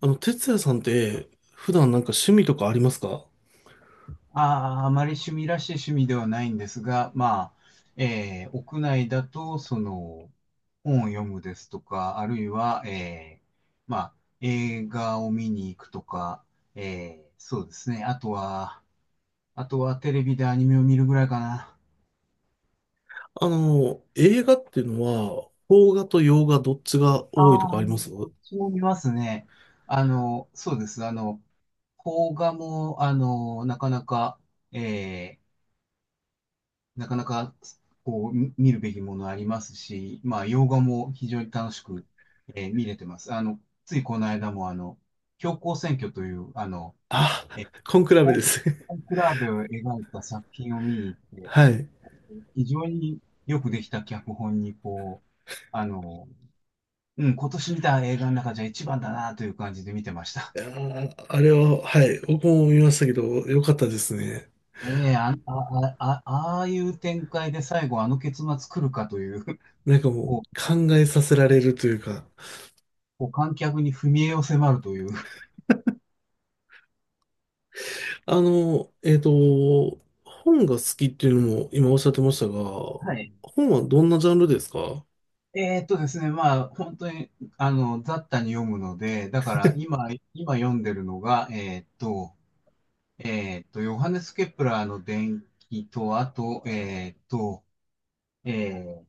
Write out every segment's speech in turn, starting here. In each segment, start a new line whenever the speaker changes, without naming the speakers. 哲也さんって、普段なんか趣味とかありますか？
ああ、あまり趣味らしい趣味ではないんですが、まあ、屋内だと、本を読むですとか、あるいは、まあ、映画を見に行くとか、そうですね。あとは、あとはテレビでアニメを見るぐらいかな。
あの、映画っていうのは、邦画と洋画どっちが
あ
多いと
あ、
かあります？
こっちも見ますね。あの、そうです。邦画も、なかなか、えーなかなか、見るべきものありますし、まあ、洋画も非常に楽しく、見れてます。ついこの間も、教皇選挙という、
あ、コンクラベ
コ
です。
コンクラーベを描いた作品を見に行っ て、
はい。
非常によくできた脚本に、あの、うん、今年見た映画の中じゃ一番だなという感じで見てました。
いやー、あれは、はい、僕も見ましたけど、よかったですね。
ああいう展開で最後あの結末来るかという、
なんかもう、
こう、
考えさせられるというか。
こう観客に踏み絵を迫るという。
あの、えっと、本が好きっていうのも今おっしゃってましたが、
はい。
本はどんなジャンルですか？
えーっとですね、まあ、本当に、雑多に読むので、だから今、今読んでるのが、ヨハネス・ケプラーの伝記と、あと、え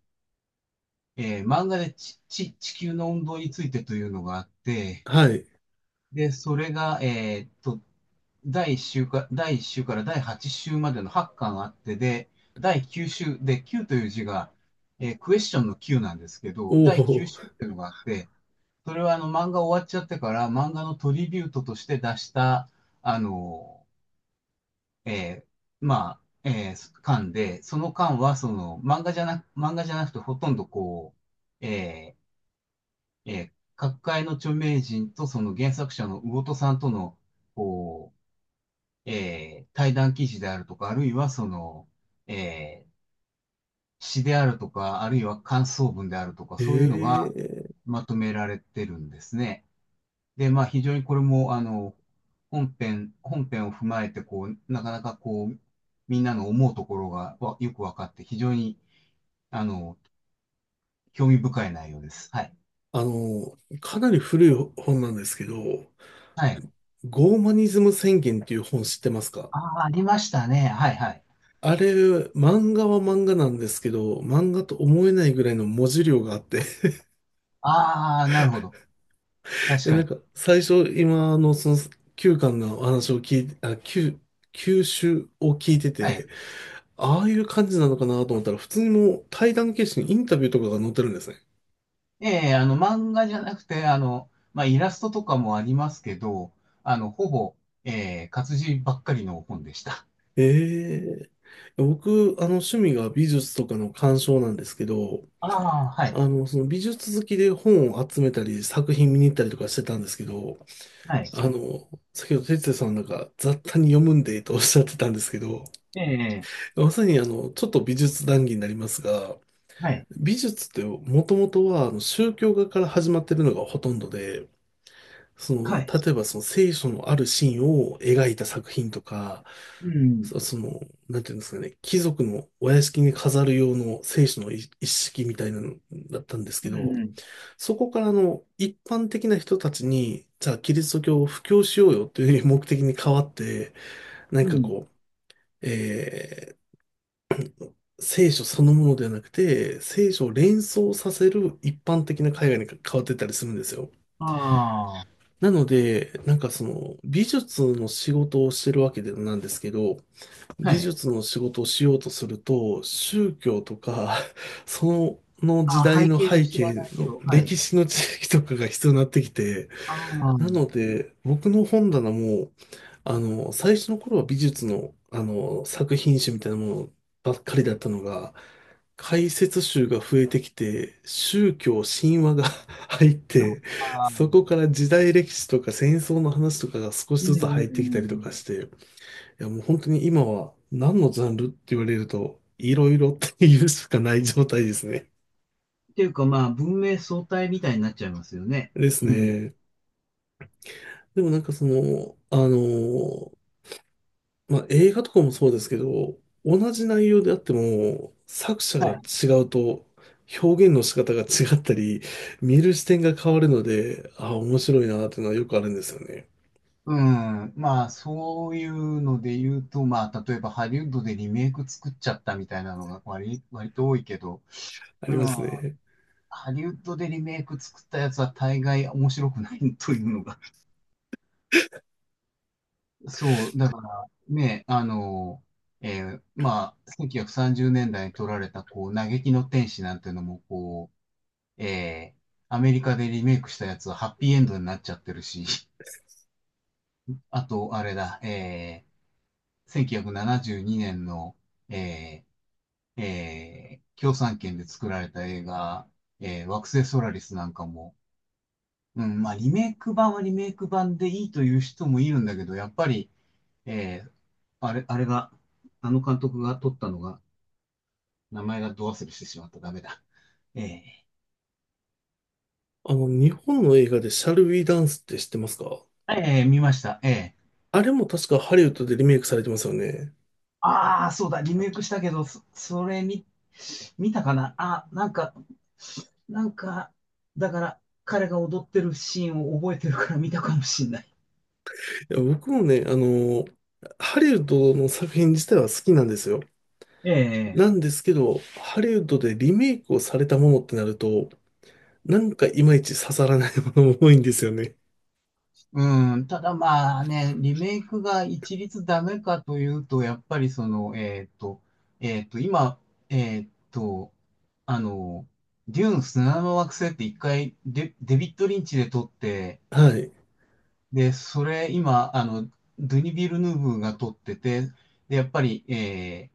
漫画で地球の運動についてというのがあって、
はい。
で、それが、第1週から第8週までの8巻あって、で、第9週、で、9という字が、えークエスチョンの9なんですけど、
お
第9
お。
週っていうのがあって、それはあの漫画終わっちゃってから漫画のトリビュートとして出した、あの、え巻で、その巻はその漫画じゃなくてほとんどう、えーえー各界の著名人とその原作者の魚戸さんとの、こ対談記事であるとか、あるいはその、えー詩であるとか、あるいは感想文であるとか、そういうの
え
が
え。
まとめられてるんですね。で、まあ非常にこれも、本編を踏まえて、こう、なかなかこう、みんなの思うところがよく分かって、非常に、あの、興味深い内容です。はい。
あの、かなり古い本なんですけど、
はい。
ゴーマニズム宣言っていう本知ってますか？
ああ、ありましたね。はいはい。
あれ、漫画は漫画なんですけど、漫画と思えないぐらいの文字量があって、
ああ、なるほど。確
で、
か
なん
に。
か、最初、今のその9巻のお話を聞いて、あ、9、9集を聞いて
はい。
て、ああいう感じなのかなと思ったら、普通にもう対談形式にインタビューとかが載ってるんですね。
ええ、あの、漫画じゃなくて、あの、まあイラストとかもありますけど、あの、ほぼ、ええ、活字ばっかりの本でした。
ええ。僕、あの、趣味が美術とかの鑑賞なんですけど、
ああ、はい。
あの、その美術好きで本を集めたり、作品見に行ったりとかしてたんですけど、
はい。
あの、先ほど哲也さんなんか雑多に読むんでとおっしゃってたんですけど、
ええ、
まさにあの、ちょっと美術談義になりますが、
はい。
美術ってもともとはあの宗教画から始まってるのがほとんどで、そ
は
の、
い。
例えばその聖書のあるシーンを描いた作品とか、
うん。
その、なんていうんですかね、貴族のお屋敷に飾る用の聖書の一式みたいなのだったんですけ
うん
ど、
うん。
そこからあの一般的な人たちに、じゃあキリスト教を布教しようよという目的に変わって、なん
う
か
ん。
こう、えー聖書そのものではなくて、聖書を連想させる一般的な海外に変わってったりするんですよ。
あ
なので、なんかその美術の仕事をしてるわけでなんですけど、
あ、は
美
い。
術の仕事をしようとすると、宗教とか、その時
ああ、
代
背
の
景を
背
知ら
景
ない
の
と、はい。
歴史の知識とかが必要になってきて、
あ
な
あ、
ので、僕の本棚も、あの、最初の頃は美術の、あの、作品集みたいなものばっかりだったのが、解説集が増えてきて、宗教、神話が 入っ
そう
て、
か。
そこから時代歴史とか戦争の話とかが少し
う
ず
んう
つ
ん
入
う
っ
んう
てきたりとか
ん。
して、いやもう本当に今は何のジャンルって言われると、いろいろっていうしかない状態ですね。
っていうか、まあ、文明相対みたいになっちゃいますよね。
です
うん。
ね。でもなんかその、あの、まあ、映画とかもそうですけど、同じ内容であっても、作者
は
が
い。
違うと、表現の仕方が違ったり、見る視点が変わるので、ああ、面白いなーっていうのはよくあるんですよね。
うん。まあ、そういうので言うと、まあ、例えばハリウッドでリメイク作っちゃったみたいなのが割と多いけど、
あ
う
ります
ん。
ね。
ハリウッドでリメイク作ったやつは大概面白くないというのが、そう、だからね、1930年代に撮られた、嘆きの天使なんていうのも、う、えーアメリカでリメイクしたやつはハッピーエンドになっちゃってるし、あと、あれだ、1972年の、え共産圏で作られた映画、惑星ソラリスなんかも、うん、まあ、リメイク版はリメイク版でいいという人もいるんだけど、やっぱり、えーあれ、あれが、あの監督が撮ったのが、名前がど忘れしてしまった。ダメだ。ええ
あの、日本の映画でシャルウィダンスって知ってますか？
見ました。ええ。
あれも確かハリウッドでリメイクされてますよね。
ああ、そうだ、リメイクしたけど、それ見、見たかなあ、なんか、だから、彼が踊ってるシーンを覚えてるから見たかもしんない。
いや、僕もね、あの、ハリウッドの作品自体は好きなんですよ。
え
なん
え。
ですけど、ハリウッドでリメイクをされたものってなると、なんかいまいち刺さらないものも多いんですよね。
うん、ただまあね、リメイクが一律ダメかというと、やっぱりその、えっと、えっと、今、えっと、あの、デューン砂の惑星って一回デビッド・リンチで撮って、
はい。
で、それ今、あの、ドゥニ・ビルヌーブが撮ってて、で、やっぱり、え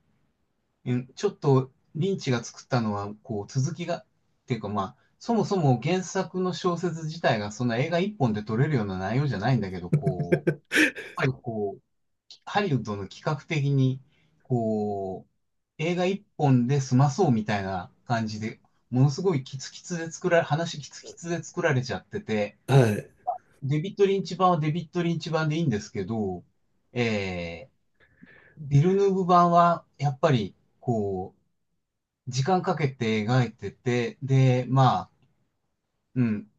ーうんちょっとリンチが作ったのは、こう、続きが、っていうかまあ、そもそも原作の小説自体がそんな映画一本で撮れるような内容じゃないんだけど、こう、ぱりこう、ハリウッドの企画的に、こう、映画一本で済まそうみたいな感じで、ものすごいキツキツで作られ、話キツキツで作られちゃってて、
はい。
デビッド・リンチ版はデビッド・リンチ版でいいんですけど、えビルヌーブ版はやっぱり、時間かけて描いてて、で、まあ、うん、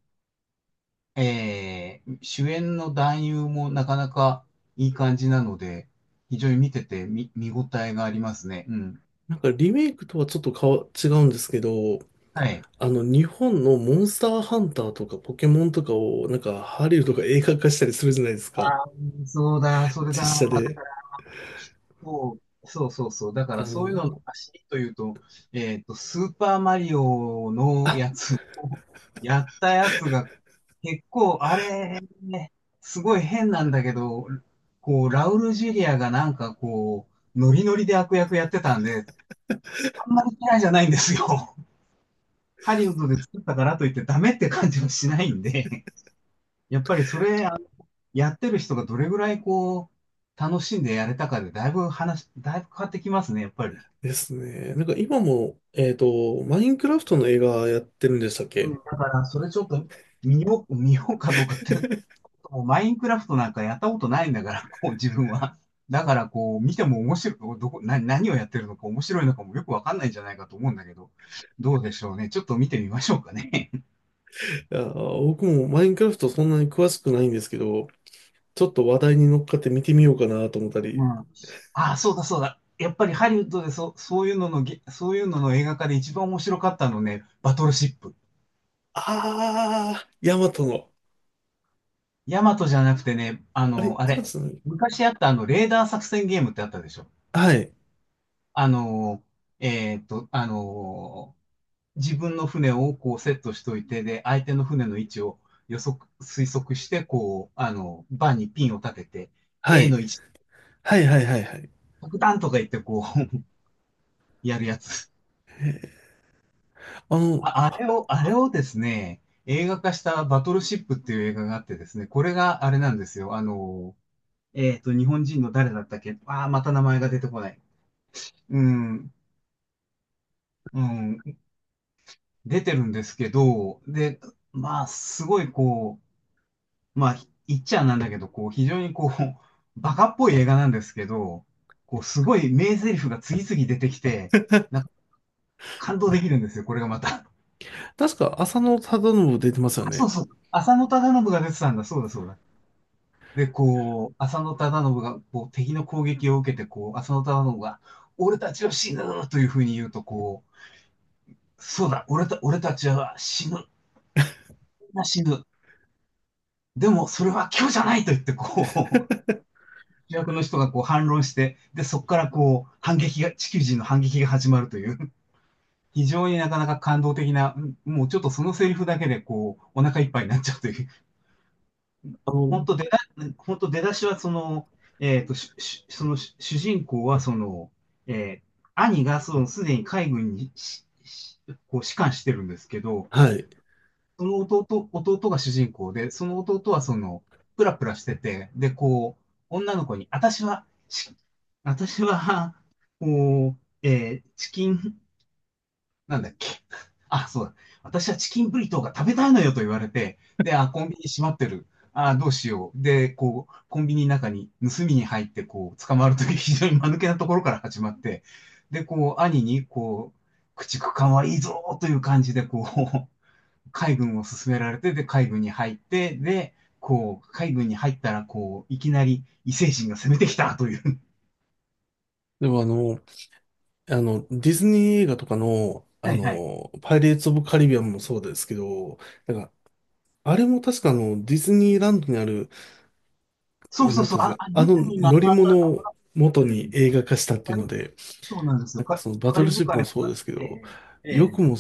主演の男優もなかなかいい感じなので、非常に見てて見応えがありますね。うん。
なんかリメイクとはちょっと違うんですけど、
はい。
あの、日本のモンスターハンターとかポケモンとかを、なんかハリウッドが映画化したりするじゃないですか。
あー、そうだ、それだ。
実写
だ
で。
からそうそうそう。だか
あ
らそういうのの
の、
走りというと、えっと、スーパーマリオの
あ、
やつを やったやつが、結構、あれ、ね、すごい変なんだけど、こう、ラウル・ジュリアがなんかノリノリで悪役やってたんで、あんまり嫌いじゃないんですよ。ハリウッドで作ったからといってダメって感じはしないんで、やっぱりそれ、やってる人がどれぐらいこう、楽しんでやれたかでだいぶだいぶ変わってきますね、やっぱり。
ですね。なんか今も、えっと、マインクラフトの映画やってるんでしたっ
うん、
け？
だからそれちょっと見ようかどうかって、もうマインクラフトなんかやったことないんだから、こう自分は。だからこう見ても面白い、どこ、な、何をやってるのか面白いのかもよくわかんないんじゃないかと思うんだけど、どうでしょうね。ちょっと見てみましょうかね。
いや、僕もマインクラフトそんなに詳しくないんですけど、ちょっと話題に乗っかって見てみようかなと思った
う
り。
ん。ああ、そうだそうだ。やっぱりハリウッドでそ、そういうののげ、そういうのの映画化で一番面白かったのね、バトルシップ。
あー、ヤマトの。
ヤマトじゃなくてね、あ
あれ、
の、あ
エマ
れ、
さん、
昔あったあの、レーダー作戦ゲームってあったでしょ。
はい、
あの、えーっと、あの、自分の船をこうセットしといて、で、相手の船の位置を推測して、こう、あの、バーにピンを立てて、
は
A
い、
の位置、
はい、はい、はい、はい。
爆弾とか言ってこう、やるやつ。
あの、
あ、あれを、あれをですね、映画化したバトルシップっていう映画があってですね、これがあれなんですよ。あの、えっと、日本人の誰だったっけ。ああー、また名前が出てこない。うん、うん、出てるんですけど、で、まあ、すごいこう、まあ、言っちゃなんだけど、こう、非常にこう、バカっぽい映画なんですけど、こう、すごい名台詞が次々出てきて、なんか感動できるんですよ、これがまた。
確か浅野忠信出てますよ
あ、そ
ね。
うそう。浅野忠信が出てたんだ、そうだそうだ。で、こう、浅野忠信が、こう、敵の攻撃を受けて、こう、浅野忠信が、俺たちは死ぬというふうに言うと、そうだ、俺たちは死ぬ。でも、それは今日じゃないと言って、う、主役の人がこう反論して、で、そこからこう、反撃が、地球人の反撃が始まるという、非常になかなか感動的な、もうちょっとそのセリフだけで、こう、お腹いっぱいになっちゃうという、
あ
本
の、
当出だ、本当出だしはその、えっと、ししそのし主人公はその、えー兄がそのすでに海軍にこう士官してるんですけど、
はい。
その弟が主人公で、その弟はその、プラプラしてて、で、こう、女の子に、私は、こう、えーチキン、なんだっけ。あ、そうだ。私はチキンブリトーが食べたいのよと言われて、で、あ、コンビニ閉まってる。あ、どうしよう。で、こう、コンビニの中に盗みに入って、こう、捕まるという 非常に間抜けなところから始まって、で、こう、兄に、こう、駆逐艦はいいぞという感じで、こう、海軍を進められて、で、海軍に入って、で、こう、海軍に入ったら、こう、いきなり異星人が攻めてきたという。
でもあの、あの、ディズニー映画とかの、
は
あ
いはい。
の、パイレーツ・オブ・カリビアンもそうですけど、なんか、あれも確かあの、ディズニーランドにある、
そうそ
な
う
ん
そ
て
う、
いうんで
あ、
すか、
あ、
あ
ね、
の
今、
乗
ま
り物
た、
を元
う
に
ん
映画化したってい
カ
う
リ
ので、
そうなんです
な
よ。
んかそのバ
カ
ト
リ
ル
ブ
シップ
海
も
の、
そうですけ
え
ど、
え、え
よ
え、
くも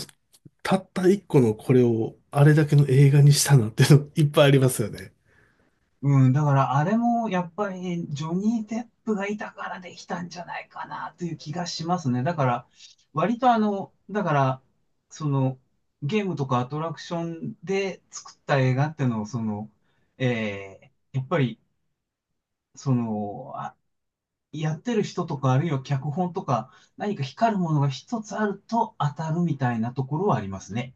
たった一個のこれをあれだけの映画にしたなっていうのいっぱいありますよね。
うん、だからあれもやっぱりジョニー・デップがいたからできたんじゃないかなという気がしますね。だから、割とあの、だから、その、ゲームとかアトラクションで作った映画っていうのを、その、ええ、やっぱり、その、あ、やってる人とか、あるいは脚本とか、何か光るものが一つあると当たるみたいなところはありますね。